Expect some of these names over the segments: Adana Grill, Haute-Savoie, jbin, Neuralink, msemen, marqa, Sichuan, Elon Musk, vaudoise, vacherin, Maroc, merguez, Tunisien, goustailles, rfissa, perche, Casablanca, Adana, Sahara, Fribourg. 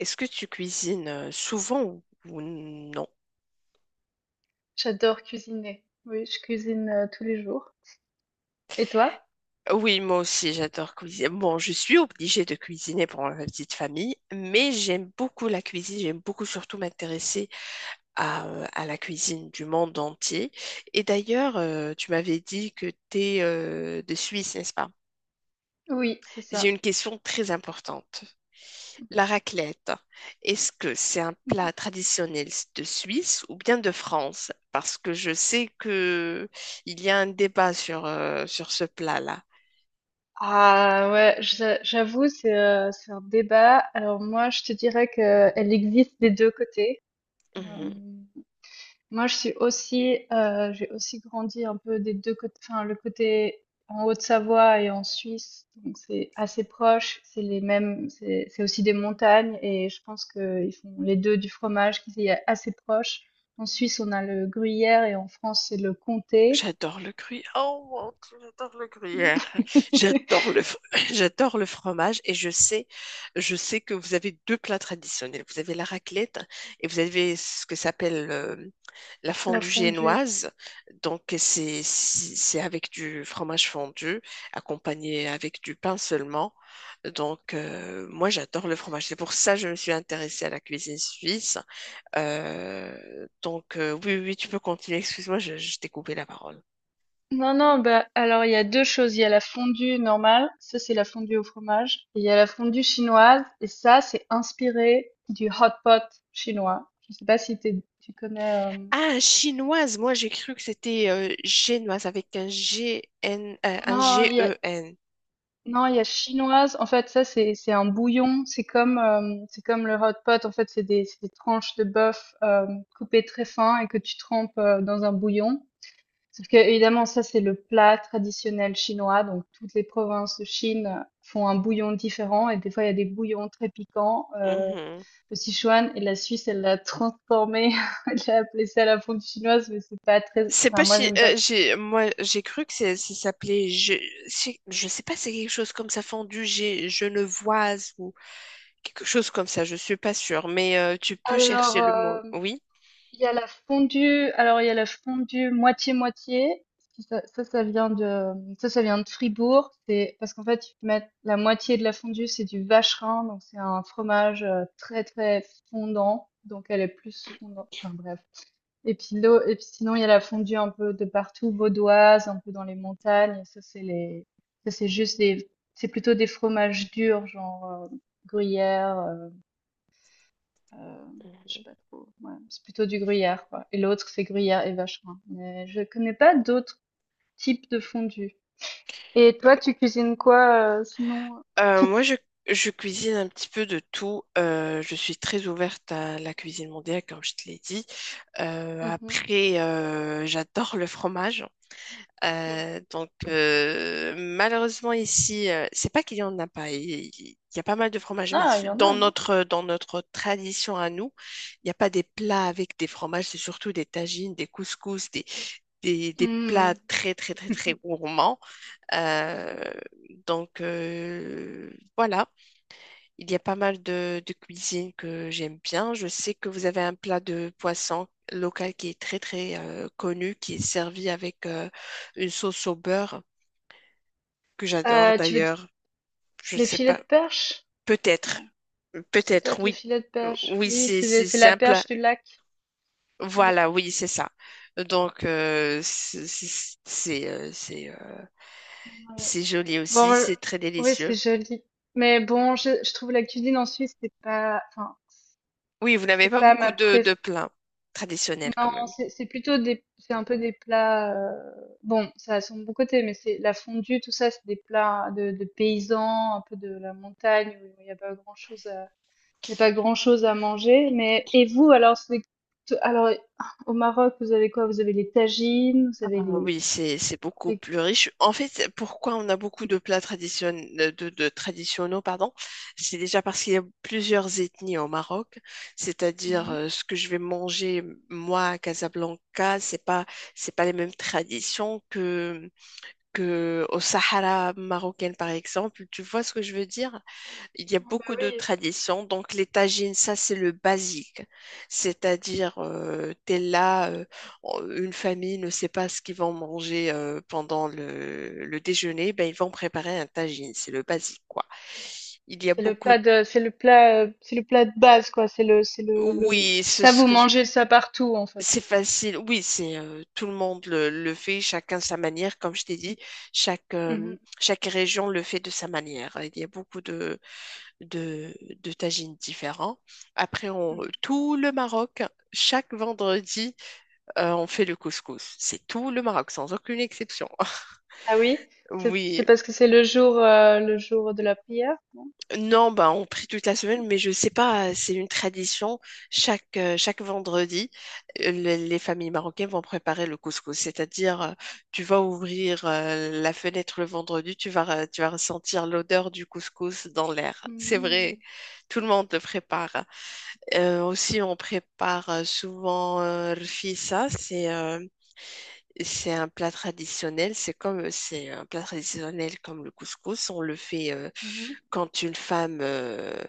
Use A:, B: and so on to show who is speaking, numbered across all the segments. A: Est-ce que tu cuisines souvent ou non?
B: J'adore cuisiner. Oui, je cuisine tous les jours. Et toi?
A: Oui, moi aussi, j'adore cuisiner. Bon, je suis obligée de cuisiner pour ma petite famille, mais j'aime beaucoup la cuisine. J'aime beaucoup surtout m'intéresser à la cuisine du monde entier. Et d'ailleurs, tu m'avais dit que tu es de Suisse, n'est-ce pas?
B: Oui, c'est
A: J'ai
B: ça.
A: une question très importante. La raclette, est-ce que c'est un plat traditionnel de Suisse ou bien de France? Parce que je sais que il y a un débat sur ce plat-là.
B: Ah ouais, j'avoue, c'est un débat. Alors moi, je te dirais que elle existe des deux côtés. Euh, Moi, je suis aussi, j'ai aussi grandi un peu des deux côtés, enfin, le côté en Haute-Savoie et en Suisse, donc c'est assez proche, c'est les mêmes, c'est aussi des montagnes et je pense qu'ils font les deux du fromage qui est assez proche. En Suisse, on a le gruyère et en France, c'est le comté.
A: J'adore le gruyère. Oh mon Dieu, j'adore le gruyère. J'adore le, fr- J'adore le fromage et je sais que vous avez deux plats traditionnels. Vous avez la raclette et vous avez ce que s'appelle la
B: La
A: fondue
B: fondue.
A: génoise. Donc c'est avec du fromage fondu accompagné avec du pain seulement. Donc, moi j'adore le fromage. C'est pour ça que je me suis intéressée à la cuisine suisse. Donc, oui, oui, oui, tu peux continuer. Excuse-moi, je t'ai coupé la parole.
B: Non, non, bah, alors il y a deux choses. Il y a la fondue normale, ça c'est la fondue au fromage, et il y a la fondue chinoise, et ça c'est inspiré du hot pot chinois. Je sais pas si tu connais.
A: Ah, chinoise, moi j'ai cru que c'était génoise avec un G N un
B: Non,
A: G E N.
B: non, il y a chinoise. En fait, ça c'est un bouillon. C'est comme le hot pot. En fait, c'est des tranches de bœuf coupées très fin et que tu trempes dans un bouillon. Sauf que, évidemment, ça, c'est le plat traditionnel chinois. Donc, toutes les provinces de Chine font un bouillon différent. Et des fois, il y a des bouillons très piquants.
A: Mhm.
B: Le Sichuan et la Suisse, elle l'a transformé. Elle a appelé ça la fondue chinoise, mais c'est pas très,
A: C'est
B: enfin,
A: pas
B: moi, j'aime pas.
A: j'ai moi j'ai cru que c'est ça s'appelait, je sais pas, c'est quelque chose comme ça, fondu G genevoise ou quelque chose comme ça, je suis pas sûre, mais tu peux
B: Alors,
A: chercher le mot.
B: euh,
A: Oui.
B: il y a la fondue, alors il y a la fondue moitié-moitié. Ça, ça, ça vient de, ça, ça vient de Fribourg. C'est parce qu'en fait, ils mettent la moitié de la fondue, c'est du vacherin, donc c'est un fromage très très fondant, donc elle est plus fondante. Enfin bref. Et puis l'eau, et puis sinon il y a la fondue un peu de partout, vaudoise, un peu dans les montagnes. Ça c'est juste des, c'est plutôt des fromages durs, genre gruyère, je sais pas trop, ouais, c'est plutôt du gruyère, quoi, et l'autre c'est gruyère et vacherin, mais je connais pas d'autres types de fondue. Et toi, tu cuisines quoi, sinon? C'est
A: Moi, je cuisine un petit peu de tout. Je suis très ouverte à la cuisine mondiale, comme je te l'ai dit.
B: mmh.
A: Après, j'adore le fromage.
B: Mmh.
A: Donc, malheureusement ici, c'est pas qu'il y en a pas. Y a pas mal de fromages,
B: Il y en
A: mais
B: a, il y en
A: dans
B: a, non?
A: notre tradition à nous, il n'y a pas des plats avec des fromages. C'est surtout des tagines, des couscous, des plats
B: Mmh.
A: très très très très gourmands. Euh, donc, voilà. Il y a pas mal de cuisine que j'aime bien. Je sais que vous avez un plat de poisson local qui est très très connu, qui est servi avec une sauce au beurre que j'adore
B: Tu veux d
A: d'ailleurs. Je ne
B: Les
A: sais
B: filets
A: pas,
B: de perche?
A: peut-être,
B: Non,
A: peut-être,
B: peut-être les
A: oui.
B: filets de perche.
A: Oui,
B: Oui,
A: c'est c'est
B: c'est
A: c'est
B: la
A: un plat.
B: perche du lac. Oui,
A: Voilà, oui, c'est ça. Donc, c'est euh, c'est, euh,
B: ouais.
A: c'est joli
B: Bon,
A: aussi,
B: heu,
A: c'est très
B: oui,
A: délicieux.
B: c'est joli, mais bon, je trouve la cuisine en Suisse, c'est pas enfin,
A: Oui, vous n'avez
B: c'est
A: pas
B: pas ma
A: beaucoup de
B: préf
A: plats traditionnels quand
B: non,
A: même.
B: c'est plutôt des, c'est un peu des plats. Bon, ça a son bon côté, mais c'est la fondue, tout ça, c'est des plats de paysans, un peu de la montagne où il n'y a pas grand-chose à, il y a pas grand-chose à manger. Mais et vous, alors, alors au Maroc, vous avez quoi? Vous avez les tagines, vous
A: Ah
B: avez
A: oui, c'est beaucoup
B: les-
A: plus riche. En fait, pourquoi on a beaucoup de plats traditionnels, de traditionnels, pardon, c'est déjà parce qu'il y a plusieurs ethnies au Maroc. C'est-à-dire,
B: mhm.
A: ce que je vais manger moi à Casablanca, c'est pas les mêmes traditions que au Sahara marocain, par exemple. Tu vois ce que je veux dire? Il y a
B: Ah bah
A: beaucoup de
B: oui,
A: traditions. Donc, les tagines, ça, c'est le basique. C'est-à-dire, t'es là, une famille ne sait pas ce qu'ils vont manger pendant le déjeuner, ben, ils vont préparer un tagine. C'est le basique, quoi. Il y a beaucoup de...
B: c'est le plat de base, quoi.
A: Oui,
B: Ça vous mangez ça partout en fait.
A: c'est facile. Oui, c'est, tout le monde le fait, chacun sa manière. Comme je t'ai dit, chaque région le fait de sa manière. Il y a beaucoup de, de tagines différents. Après,
B: Mhm.
A: tout le Maroc, chaque vendredi, on fait le couscous. C'est tout le Maroc, sans aucune exception.
B: Ah oui?
A: Oui,
B: C'est parce que c'est le jour de la prière, non?
A: non, bah, on prie toute la semaine, mais je sais pas, c'est une tradition. Chaque vendredi, les familles marocaines vont préparer le couscous. C'est-à-dire, tu vas ouvrir la fenêtre le vendredi, tu vas ressentir l'odeur du couscous dans l'air. C'est
B: Mmh mh.
A: vrai, tout le monde le prépare. Aussi, on prépare souvent rfissa, c'est, c'est un plat traditionnel, c'est comme, c'est un plat traditionnel comme le couscous, on le fait
B: Mmh.
A: quand une femme, euh,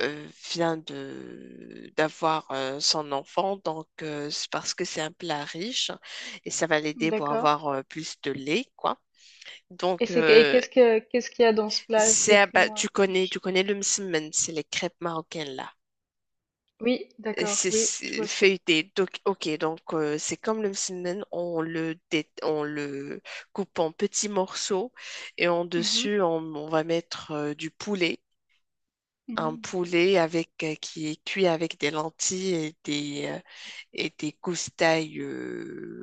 A: euh, vient de d'avoir son enfant, donc, c'est parce que c'est un plat riche et ça va l'aider pour
B: D'accord.
A: avoir plus de lait, quoi.
B: et
A: Donc
B: c'est que et
A: euh,
B: qu'est-ce que Qu'est-ce qu'il y a dans ce plat?
A: c'est à ba-
B: Décris-moi.
A: tu connais
B: Je
A: tu connais le msemen, c'est les crêpes marocaines là.
B: oui, d'accord,
A: C'est
B: oui, je
A: c'est
B: vois ce que c'est.
A: feuilleté. Donc, ok, c'est comme le msemen, on le coupe en petits morceaux et en
B: Mmh mh.
A: dessus, on va mettre du poulet. Un
B: Mmh.
A: poulet avec, qui est cuit avec des lentilles et des goustailles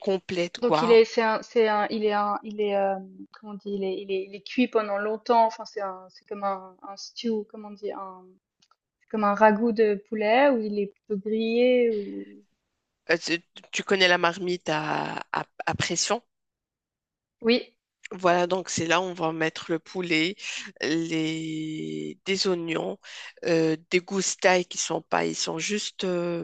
A: complètes,
B: Donc il
A: quoi.
B: est c'est un il est, comment on dit? Il est cuit pendant longtemps, enfin c'est comme un stew, comment on dit? Un c'est comme un ragoût de poulet, ou il est plutôt grillé ou?
A: Euh, tu, tu connais la marmite à pression?
B: Oui.
A: Voilà, donc c'est là où on va mettre le poulet, des oignons, des goustailles qui sont pas, ils sont juste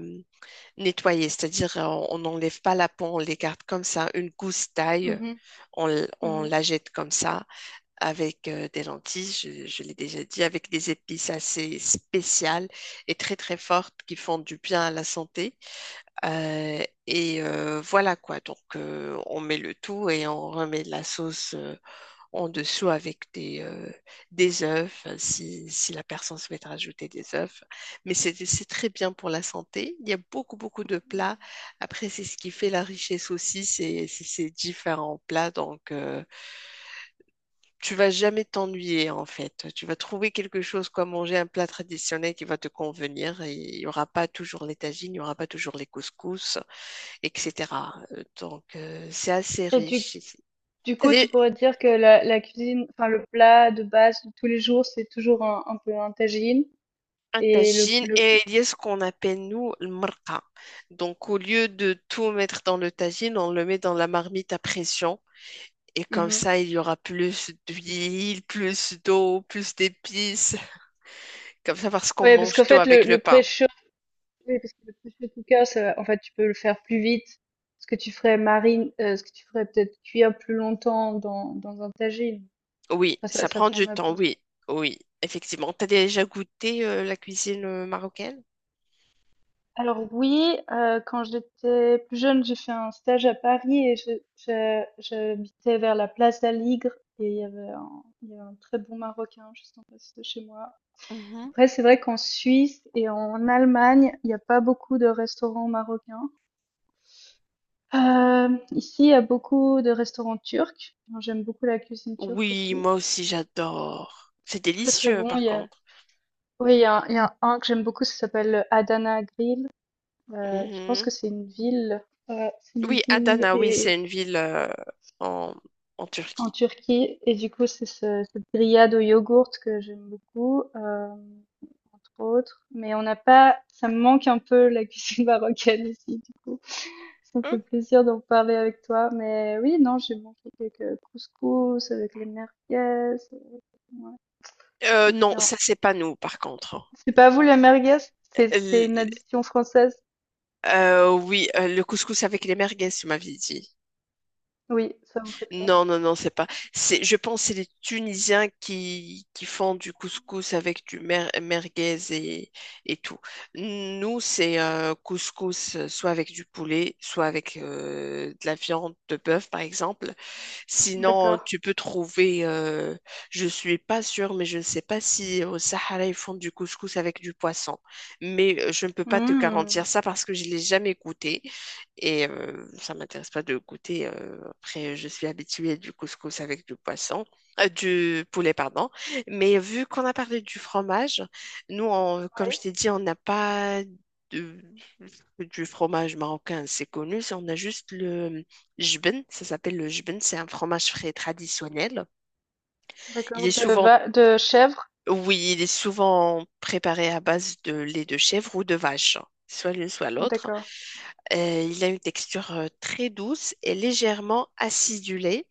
A: nettoyés, c'est-à-dire, on n'enlève pas la peau, on les garde comme ça. Une goustaille,
B: Mmh mh.
A: on
B: Mmh mh.
A: la jette comme ça avec des lentilles, je l'ai déjà dit, avec des épices assez spéciales et très très fortes qui font du bien à la santé. Et voilà, quoi, donc, on met le tout et on remet de la sauce, en dessous avec des œufs, enfin, si la personne souhaite rajouter des œufs. Mais c'est très bien pour la santé. Il y a beaucoup, beaucoup de plats. Après, c'est ce qui fait la richesse aussi, c'est ces différents plats. Donc, tu vas jamais t'ennuyer, en fait. Tu vas trouver quelque chose, quoi, manger un plat traditionnel qui va te convenir. Et il n'y aura pas toujours les tagines, il n'y aura pas toujours les couscous, etc. Donc, c'est assez
B: Et du
A: riche ici.
B: Du
A: T'as
B: coup, tu
A: dé-
B: pourrais dire que la cuisine, enfin le plat de base de tous les jours, c'est toujours un peu un tagine
A: Un
B: et le
A: tagine
B: le.
A: et il y a ce qu'on appelle nous le marqa. Donc au lieu de tout mettre dans le tagine, on le met dans la marmite à pression et comme
B: Mhm.
A: ça il y aura plus d'huile, plus d'eau, plus d'épices, comme ça parce qu'on
B: Ouais, parce qu'en
A: mange tout
B: fait
A: avec le pain.
B: oui, parce que le pré-chaud cooker, ça, en fait, tu peux le faire plus vite. Ce que tu ferais peut-être cuire plus longtemps dans dans un tagine.
A: Oui,
B: Enfin, ça
A: ça
B: ça
A: prend du
B: prendra
A: temps,
B: plus.
A: oui, oui, effectivement. T'as déjà goûté la cuisine marocaine?
B: Alors oui, quand j'étais plus jeune, j'ai fait un stage à Paris et j'habitais vers la place d'Aligre et il y avait un très bon Marocain juste en face de chez moi.
A: Mhm.
B: Après, c'est vrai qu'en Suisse et en Allemagne, il n'y a pas beaucoup de restaurants marocains. Ici, il y a beaucoup de restaurants turcs. Moi, j'aime beaucoup la cuisine turque
A: Oui,
B: aussi.
A: moi aussi j'adore. C'est
B: Très très
A: délicieux
B: bon.
A: par contre.
B: Oui, il y a un que j'aime beaucoup, ça s'appelle Adana Grill. Je pense
A: Mhm.
B: que c'est une ville. C'est une
A: Oui,
B: ville
A: Adana, oui, c'est
B: et
A: une ville, en en
B: en
A: Turquie.
B: Turquie, et du coup c'est cette grillade au yogourt que j'aime beaucoup, entre autres, mais on n'a pas, ça me manque un peu la cuisine marocaine ici, du coup ça me
A: Hum,
B: fait plaisir d'en parler avec toi, mais oui, non, j'ai mangé quelques couscous avec les merguez. euh, ouais, j'aime
A: non,
B: bien.
A: ça c'est pas nous par contre.
B: C'est pas vous les merguez, c'est une
A: L-
B: addition française.
A: oui, le couscous avec les merguez, tu m'avais dit.
B: Oui, ça vous fait pas.
A: Non, non, non, c'est pas. Je pense que c'est les Tunisiens qui font du couscous avec du merguez et tout. Nous, c'est, couscous, soit avec du poulet, soit avec de la viande de bœuf par exemple. Sinon,
B: D'accord.
A: tu peux trouver, je suis pas sûre, mais je ne sais pas si au Sahara, ils font du couscous avec du poisson. Mais je ne peux pas te
B: Mmh.
A: garantir ça parce que je l'ai jamais goûté. Et ça m'intéresse pas de goûter. Après, je suis habituée du couscous avec du poisson, du poulet, pardon. Mais vu qu'on a parlé du fromage, nous, comme
B: Oui,
A: je t'ai dit, on n'a pas de- du fromage marocain, c'est connu. On a juste le jubin, ça s'appelle le jubin, c'est un fromage frais traditionnel. Il
B: d'accord.
A: est
B: De
A: souvent,
B: va de chèvre.
A: oui, il est souvent préparé à base de lait de chèvre ou de vache, soit l'une soit l'autre.
B: D'accord.
A: Il a une texture, très douce et légèrement acidulée.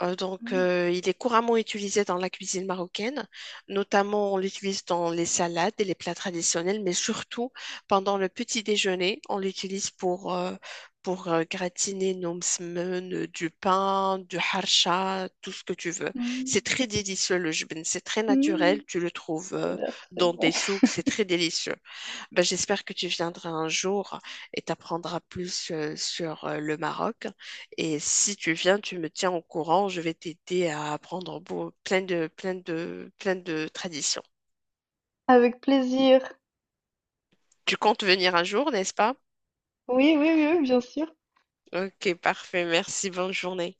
A: Donc,
B: Mmh.
A: il est couramment utilisé dans la cuisine marocaine, notamment on l'utilise dans les salades et les plats traditionnels, mais surtout pendant le petit déjeuner, on l'utilise pour gratiner nos msemen, du pain, du harcha, tout ce que tu veux.
B: Mmh.
A: C'est très délicieux le jbin, c'est très naturel,
B: Mmh.
A: tu le trouves
B: Ça a l'air très
A: dans
B: bon.
A: des souks, c'est très délicieux. Ben, j'espère que tu viendras un jour et t'apprendras plus sur le Maroc. Et si tu viens, tu me tiens au courant. Je vais t'aider à apprendre plein de traditions.
B: Avec plaisir.
A: Tu comptes venir un jour, n'est-ce pas?
B: Oui, oui, oui, bien sûr.
A: Ok, parfait. Merci. Bonne journée.